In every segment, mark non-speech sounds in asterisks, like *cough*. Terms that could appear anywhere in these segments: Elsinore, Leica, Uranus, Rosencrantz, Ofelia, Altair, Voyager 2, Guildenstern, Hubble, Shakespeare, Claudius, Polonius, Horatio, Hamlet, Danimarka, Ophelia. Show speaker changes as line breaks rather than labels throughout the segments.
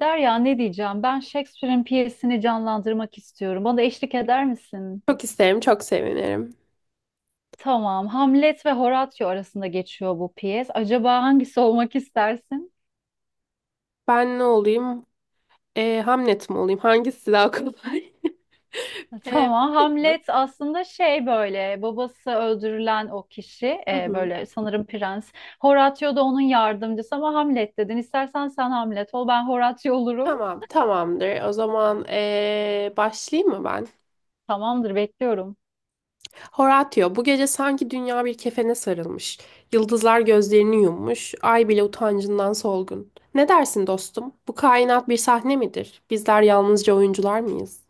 Derya ne diyeceğim? Ben Shakespeare'in piyesini canlandırmak istiyorum. Bana eşlik eder misin?
Çok isterim, çok sevinirim.
Tamam. Hamlet ve Horatio arasında geçiyor bu piyes. Acaba hangisi olmak istersin?
Ben ne olayım? Hamlet mi olayım? Hangisi daha kolay? *laughs*
*laughs*
Ee,
Tamam. Hamlet aslında şey böyle babası öldürülen o kişi
Hı hı.
böyle sanırım prens. Horatio da onun yardımcısı ama Hamlet dedin. İstersen sen Hamlet ol ben Horatio olurum.
Tamam, tamamdır. O zaman başlayayım mı ben?
Tamamdır bekliyorum.
Horatio, bu gece sanki dünya bir kefene sarılmış. Yıldızlar gözlerini yummuş, ay bile utancından solgun. Ne dersin dostum? Bu kainat bir sahne midir? Bizler yalnızca oyuncular mıyız?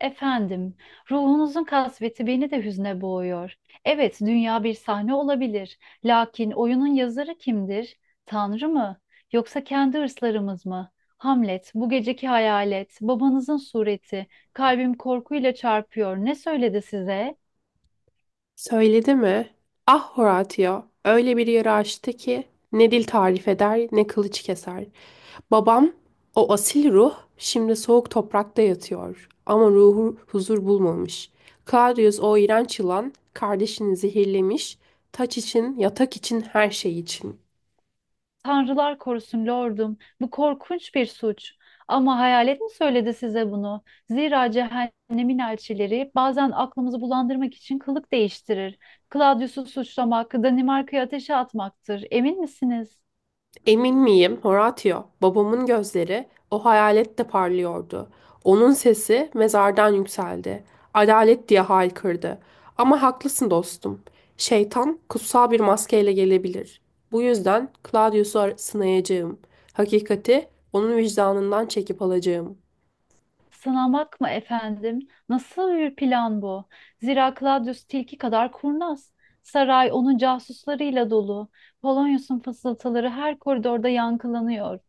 Efendim, ruhunuzun kasveti beni de hüzne boğuyor. Evet, dünya bir sahne olabilir. Lakin oyunun yazarı kimdir? Tanrı mı? Yoksa kendi hırslarımız mı? Hamlet, bu geceki hayalet, babanızın sureti, kalbim korkuyla çarpıyor. Ne söyledi size?
Söyledi mi? Ah Horatio, öyle bir yara açtı ki ne dil tarif eder ne kılıç keser. Babam, o asil ruh şimdi soğuk toprakta yatıyor ama ruhu huzur bulmamış. Claudius o iğrenç yılan kardeşini zehirlemiş, taç için, yatak için, her şey için.
Tanrılar korusun lordum, bu korkunç bir suç. Ama hayalet mi söyledi size bunu? Zira cehennemin elçileri bazen aklımızı bulandırmak için kılık değiştirir. Claudius'u suçlamak, Danimarka'yı ateşe atmaktır. Emin misiniz?
Emin miyim, Horatio? Babamın gözleri o hayalette parlıyordu. Onun sesi mezardan yükseldi. Adalet diye haykırdı. Ama haklısın dostum. Şeytan kutsal bir maskeyle gelebilir. Bu yüzden Claudius'u sınayacağım. Hakikati onun vicdanından çekip alacağım.
Sınamak mı efendim? Nasıl bir plan bu? Zira Claudius tilki kadar kurnaz. Saray onun casuslarıyla dolu. Polonius'un fısıltıları her koridorda yankılanıyor.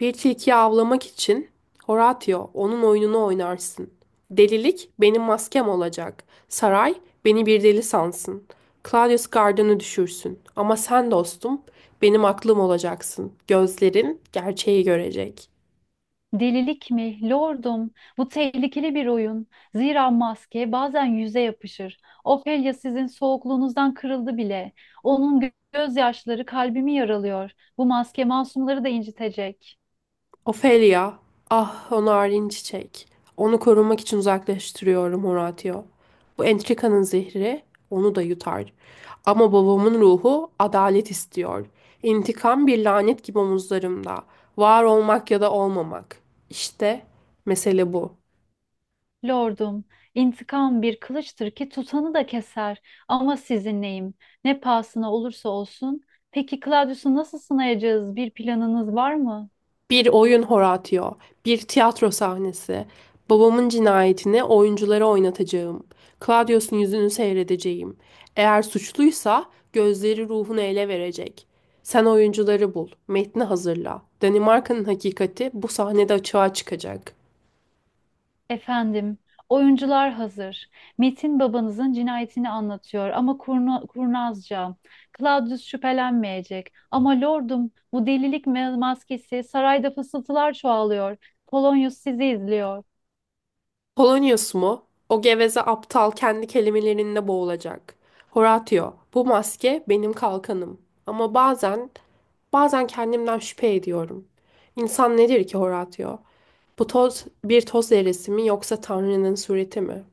Bir tilkiyi avlamak için Horatio onun oyununu oynarsın. Delilik benim maskem olacak. Saray beni bir deli sansın. Claudius gardını düşürsün. Ama sen dostum benim aklım olacaksın. Gözlerin gerçeği görecek.
Delilik mi? Lordum, bu tehlikeli bir oyun. Zira maske bazen yüze yapışır. Ofelia sizin soğukluğunuzdan kırıldı bile. Onun gözyaşları kalbimi yaralıyor. Bu maske masumları da incitecek.
Ofelia, ah o narin çiçek. Onu korumak için uzaklaştırıyorum Horatio. Bu entrikanın zehri onu da yutar. Ama babamın ruhu adalet istiyor. İntikam bir lanet gibi omuzlarımda. Var olmak ya da olmamak. İşte mesele bu.
Lordum, intikam bir kılıçtır ki tutanı da keser. Ama sizinleyim. Ne pahasına olursa olsun. Peki Claudius'u nasıl sınayacağız? Bir planınız var mı?
Bir oyun Horatio, bir tiyatro sahnesi. Babamın cinayetini oyunculara oynatacağım. Claudius'un yüzünü seyredeceğim. Eğer suçluysa gözleri ruhunu ele verecek. Sen oyuncuları bul, metni hazırla. Danimarka'nın hakikati bu sahnede açığa çıkacak.
Efendim, oyuncular hazır. Metin babanızın cinayetini anlatıyor ama kurnazca. Claudius şüphelenmeyecek. Ama lordum, bu delilik maskesi sarayda fısıltılar çoğalıyor. Polonius sizi izliyor.
Polonius mu? O geveze aptal kendi kelimelerinde boğulacak. Horatio, bu maske benim kalkanım. Ama bazen, bazen kendimden şüphe ediyorum. İnsan nedir ki Horatio? Bu toz bir toz zerresi mi yoksa Tanrı'nın sureti mi?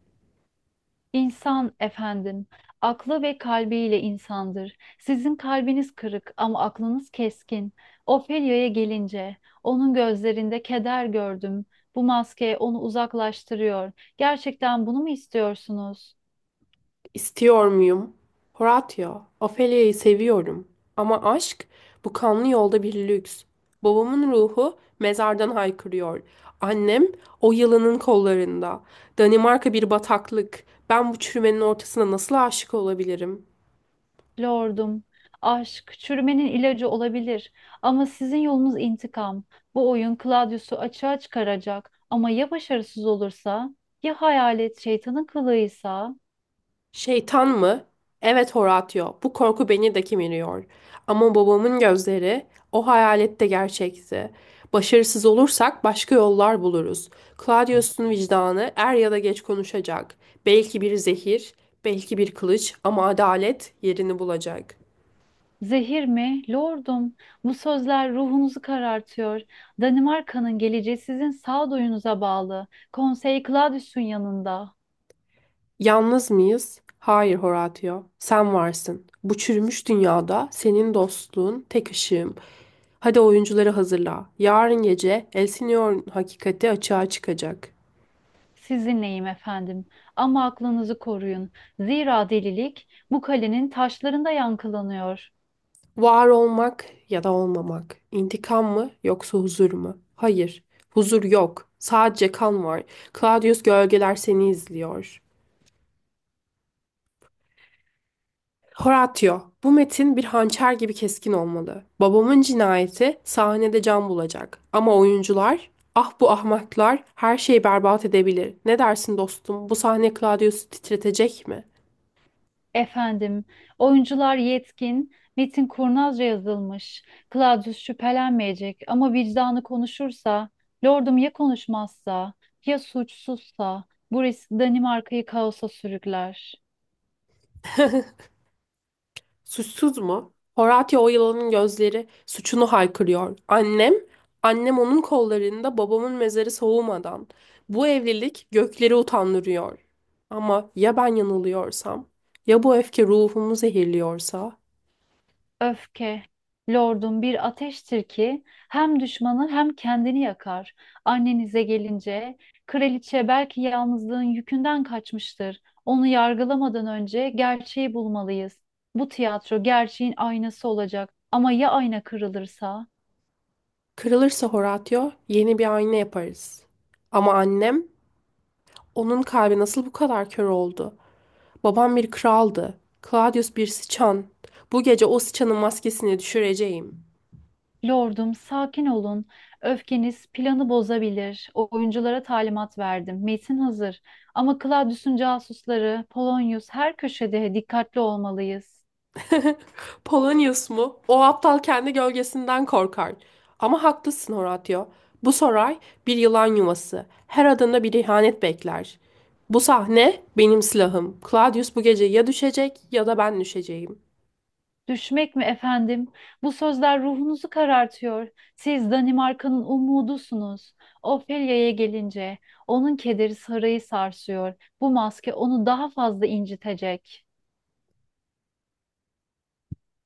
İnsan efendim, aklı ve kalbiyle insandır. Sizin kalbiniz kırık ama aklınız keskin. Ofelia'ya gelince, onun gözlerinde keder gördüm. Bu maske onu uzaklaştırıyor. Gerçekten bunu mu istiyorsunuz?
İstiyor muyum? Horatio, Ophelia'yı seviyorum. Ama aşk, bu kanlı yolda bir lüks. Babamın ruhu mezardan haykırıyor. Annem o yılanın kollarında. Danimarka bir bataklık. Ben bu çürümenin ortasına nasıl aşık olabilirim?
Lordum, aşk çürümenin ilacı olabilir ama sizin yolunuz intikam. Bu oyun Claudius'u açığa çıkaracak ama ya başarısız olursa? Ya hayalet şeytanın kılığıysa?
Şeytan mı? Evet Horatio, bu korku beni de kemiriyor. Ama babamın gözleri o hayalette gerçekti. Başarısız olursak başka yollar buluruz. Claudius'un vicdanı er ya da geç konuşacak. Belki bir zehir, belki bir kılıç ama adalet yerini bulacak.
Zehir mi? Lordum, bu sözler ruhunuzu karartıyor. Danimarka'nın geleceği sizin sağduyunuza bağlı. Konsey Claudius'un yanında.
Yalnız mıyız? Hayır Horatio, sen varsın. Bu çürümüş dünyada senin dostluğun tek ışığım. Hadi oyuncuları hazırla. Yarın gece Elsinore'un hakikati açığa çıkacak.
Sizinleyim efendim ama aklınızı koruyun. Zira delilik bu kalenin taşlarında yankılanıyor.
Var olmak ya da olmamak. İntikam mı yoksa huzur mu? Hayır, huzur yok. Sadece kan var. Claudius gölgeler seni izliyor. Horatio, bu metin bir hançer gibi keskin olmalı. Babamın cinayeti sahnede can bulacak. Ama oyuncular, ah bu ahmaklar her şeyi berbat edebilir. Ne dersin dostum, bu sahne Claudius'u titretecek mi?
Efendim, oyuncular yetkin, metin kurnazca yazılmış. Claudius şüphelenmeyecek ama vicdanı konuşursa, lordum ya konuşmazsa, ya suçsuzsa, bu risk Danimarka'yı kaosa sürükler.
Suçsuz mu? Horatio o yılanın gözleri suçunu haykırıyor. Annem onun kollarında babamın mezarı soğumadan. Bu evlilik gökleri utandırıyor. Ama ya ben yanılıyorsam? Ya bu öfke ruhumu zehirliyorsa?
Öfke, lordum bir ateştir ki hem düşmanı hem kendini yakar. Annenize gelince, kraliçe belki yalnızlığın yükünden kaçmıştır. Onu yargılamadan önce gerçeği bulmalıyız. Bu tiyatro gerçeğin aynası olacak. Ama ya ayna kırılırsa?
Kırılırsa Horatio yeni bir ayna yaparız. Ama annem, onun kalbi nasıl bu kadar kör oldu? Babam bir kraldı. Claudius bir sıçan. Bu gece o sıçanın maskesini düşüreceğim.
Lordum, sakin olun. Öfkeniz planı bozabilir. Oyunculara talimat verdim. Metin hazır. Ama Claudius'un casusları, Polonius her köşede dikkatli olmalıyız.
Polonius mu? O aptal kendi gölgesinden korkar. Ama haklısın Horatio. Bu saray bir yılan yuvası. Her adımda bir ihanet bekler. Bu sahne benim silahım. Claudius bu gece ya düşecek ya da ben düşeceğim.
Düşmek mi efendim? Bu sözler ruhunuzu karartıyor. Siz Danimarka'nın umudusunuz. Ophelia'ya gelince onun kederi sarayı sarsıyor. Bu maske onu daha fazla incitecek.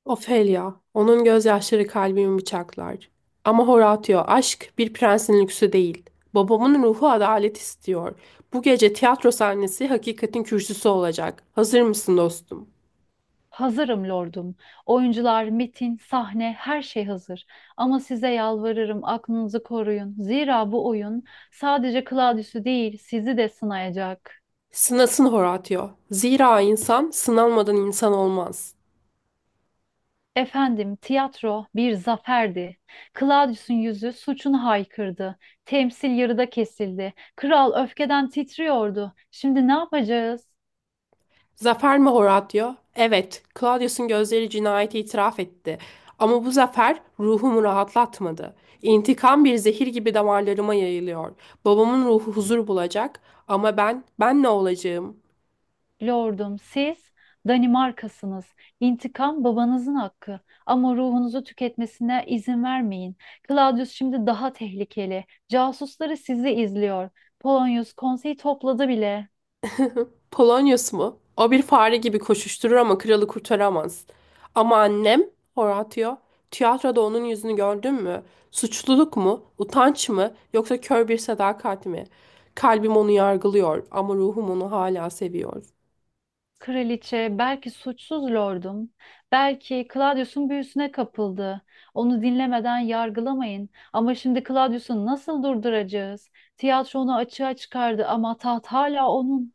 Ofelia, onun gözyaşları kalbimi bıçaklar. Ama Horatio, aşk bir prensin lüksü değil. Babamın ruhu adalet istiyor. Bu gece tiyatro sahnesi hakikatin kürsüsü olacak. Hazır mısın dostum?
Hazırım lordum. Oyuncular, metin, sahne, her şey hazır. Ama size yalvarırım aklınızı koruyun. Zira bu oyun sadece Claudius'u değil, sizi de sınayacak.
Sınasın Horatio. Zira insan sınanmadan insan olmaz.
Efendim, tiyatro bir zaferdi. Claudius'un yüzü suçunu haykırdı. Temsil yarıda kesildi. Kral öfkeden titriyordu. Şimdi ne yapacağız?
Zafer mi Horatio? Evet, Claudius'un gözleri cinayeti itiraf etti. Ama bu zafer ruhumu rahatlatmadı. İntikam bir zehir gibi damarlarıma yayılıyor. Babamın ruhu huzur bulacak ama ben ne olacağım?
Lordum, siz Danimarkasınız. İntikam babanızın hakkı. Ama ruhunuzu tüketmesine izin vermeyin. Claudius şimdi daha tehlikeli. Casusları sizi izliyor. Polonius konseyi topladı bile.
Polonius mu? O bir fare gibi koşuşturur ama kralı kurtaramaz. Ama annem, Horatio, tiyatroda onun yüzünü gördün mü? Suçluluk mu? Utanç mı? Yoksa kör bir sadakat mi? Kalbim onu yargılıyor ama ruhum onu hala seviyor.
Kraliçe, belki suçsuz lordum, belki Claudius'un büyüsüne kapıldı. Onu dinlemeden yargılamayın. Ama şimdi Claudius'u nasıl durduracağız? Tiyatro onu açığa çıkardı ama taht hala onun.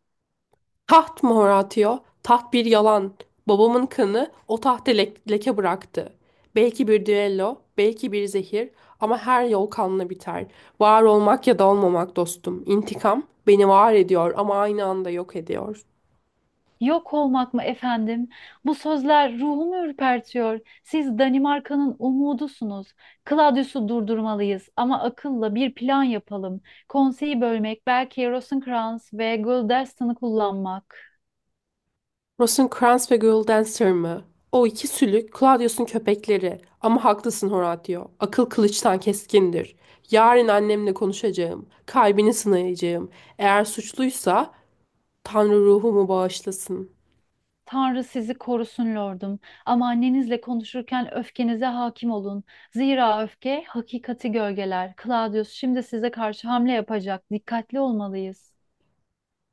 Taht mı Horatio? Taht bir yalan. Babamın kanı o tahta leke bıraktı. Belki bir düello, belki bir zehir ama her yol kanla biter. Var olmak ya da olmamak dostum. İntikam beni var ediyor ama aynı anda yok ediyor.
Yok olmak mı efendim? Bu sözler ruhumu ürpertiyor. Siz Danimarka'nın umudusunuz. Claudius'u durdurmalıyız ama akılla bir plan yapalım. Konseyi bölmek, belki Rosencrantz ve Guildenstern'ı kullanmak.
Rosencrantz ve Guildenstern mı? O iki sülük Claudius'un köpekleri. Ama haklısın Horatio. Akıl kılıçtan keskindir. Yarın annemle konuşacağım. Kalbini sınayacağım. Eğer suçluysa Tanrı ruhumu bağışlasın.
Tanrı sizi korusun lordum. Ama annenizle konuşurken öfkenize hakim olun. Zira öfke hakikati gölgeler. Claudius şimdi size karşı hamle yapacak. Dikkatli olmalıyız.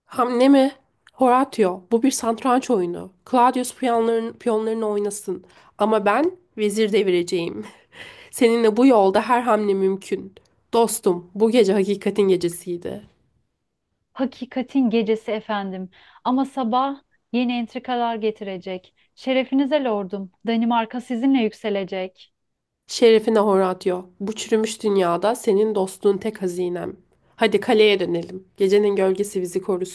Hamle mi? Horatio, bu bir satranç oyunu. Claudius piyonlarını oynasın. Ama ben vezir devireceğim. *laughs* Seninle bu yolda her hamle mümkün. Dostum, bu gece hakikatin gecesiydi.
Hakikatin gecesi efendim. Ama sabah yeni entrikalar getirecek. Şerefinize lordum. Danimarka sizinle yükselecek.
Şerefine Horatio, bu çürümüş dünyada senin dostluğun tek hazinem. Hadi kaleye dönelim. Gecenin gölgesi bizi korusun.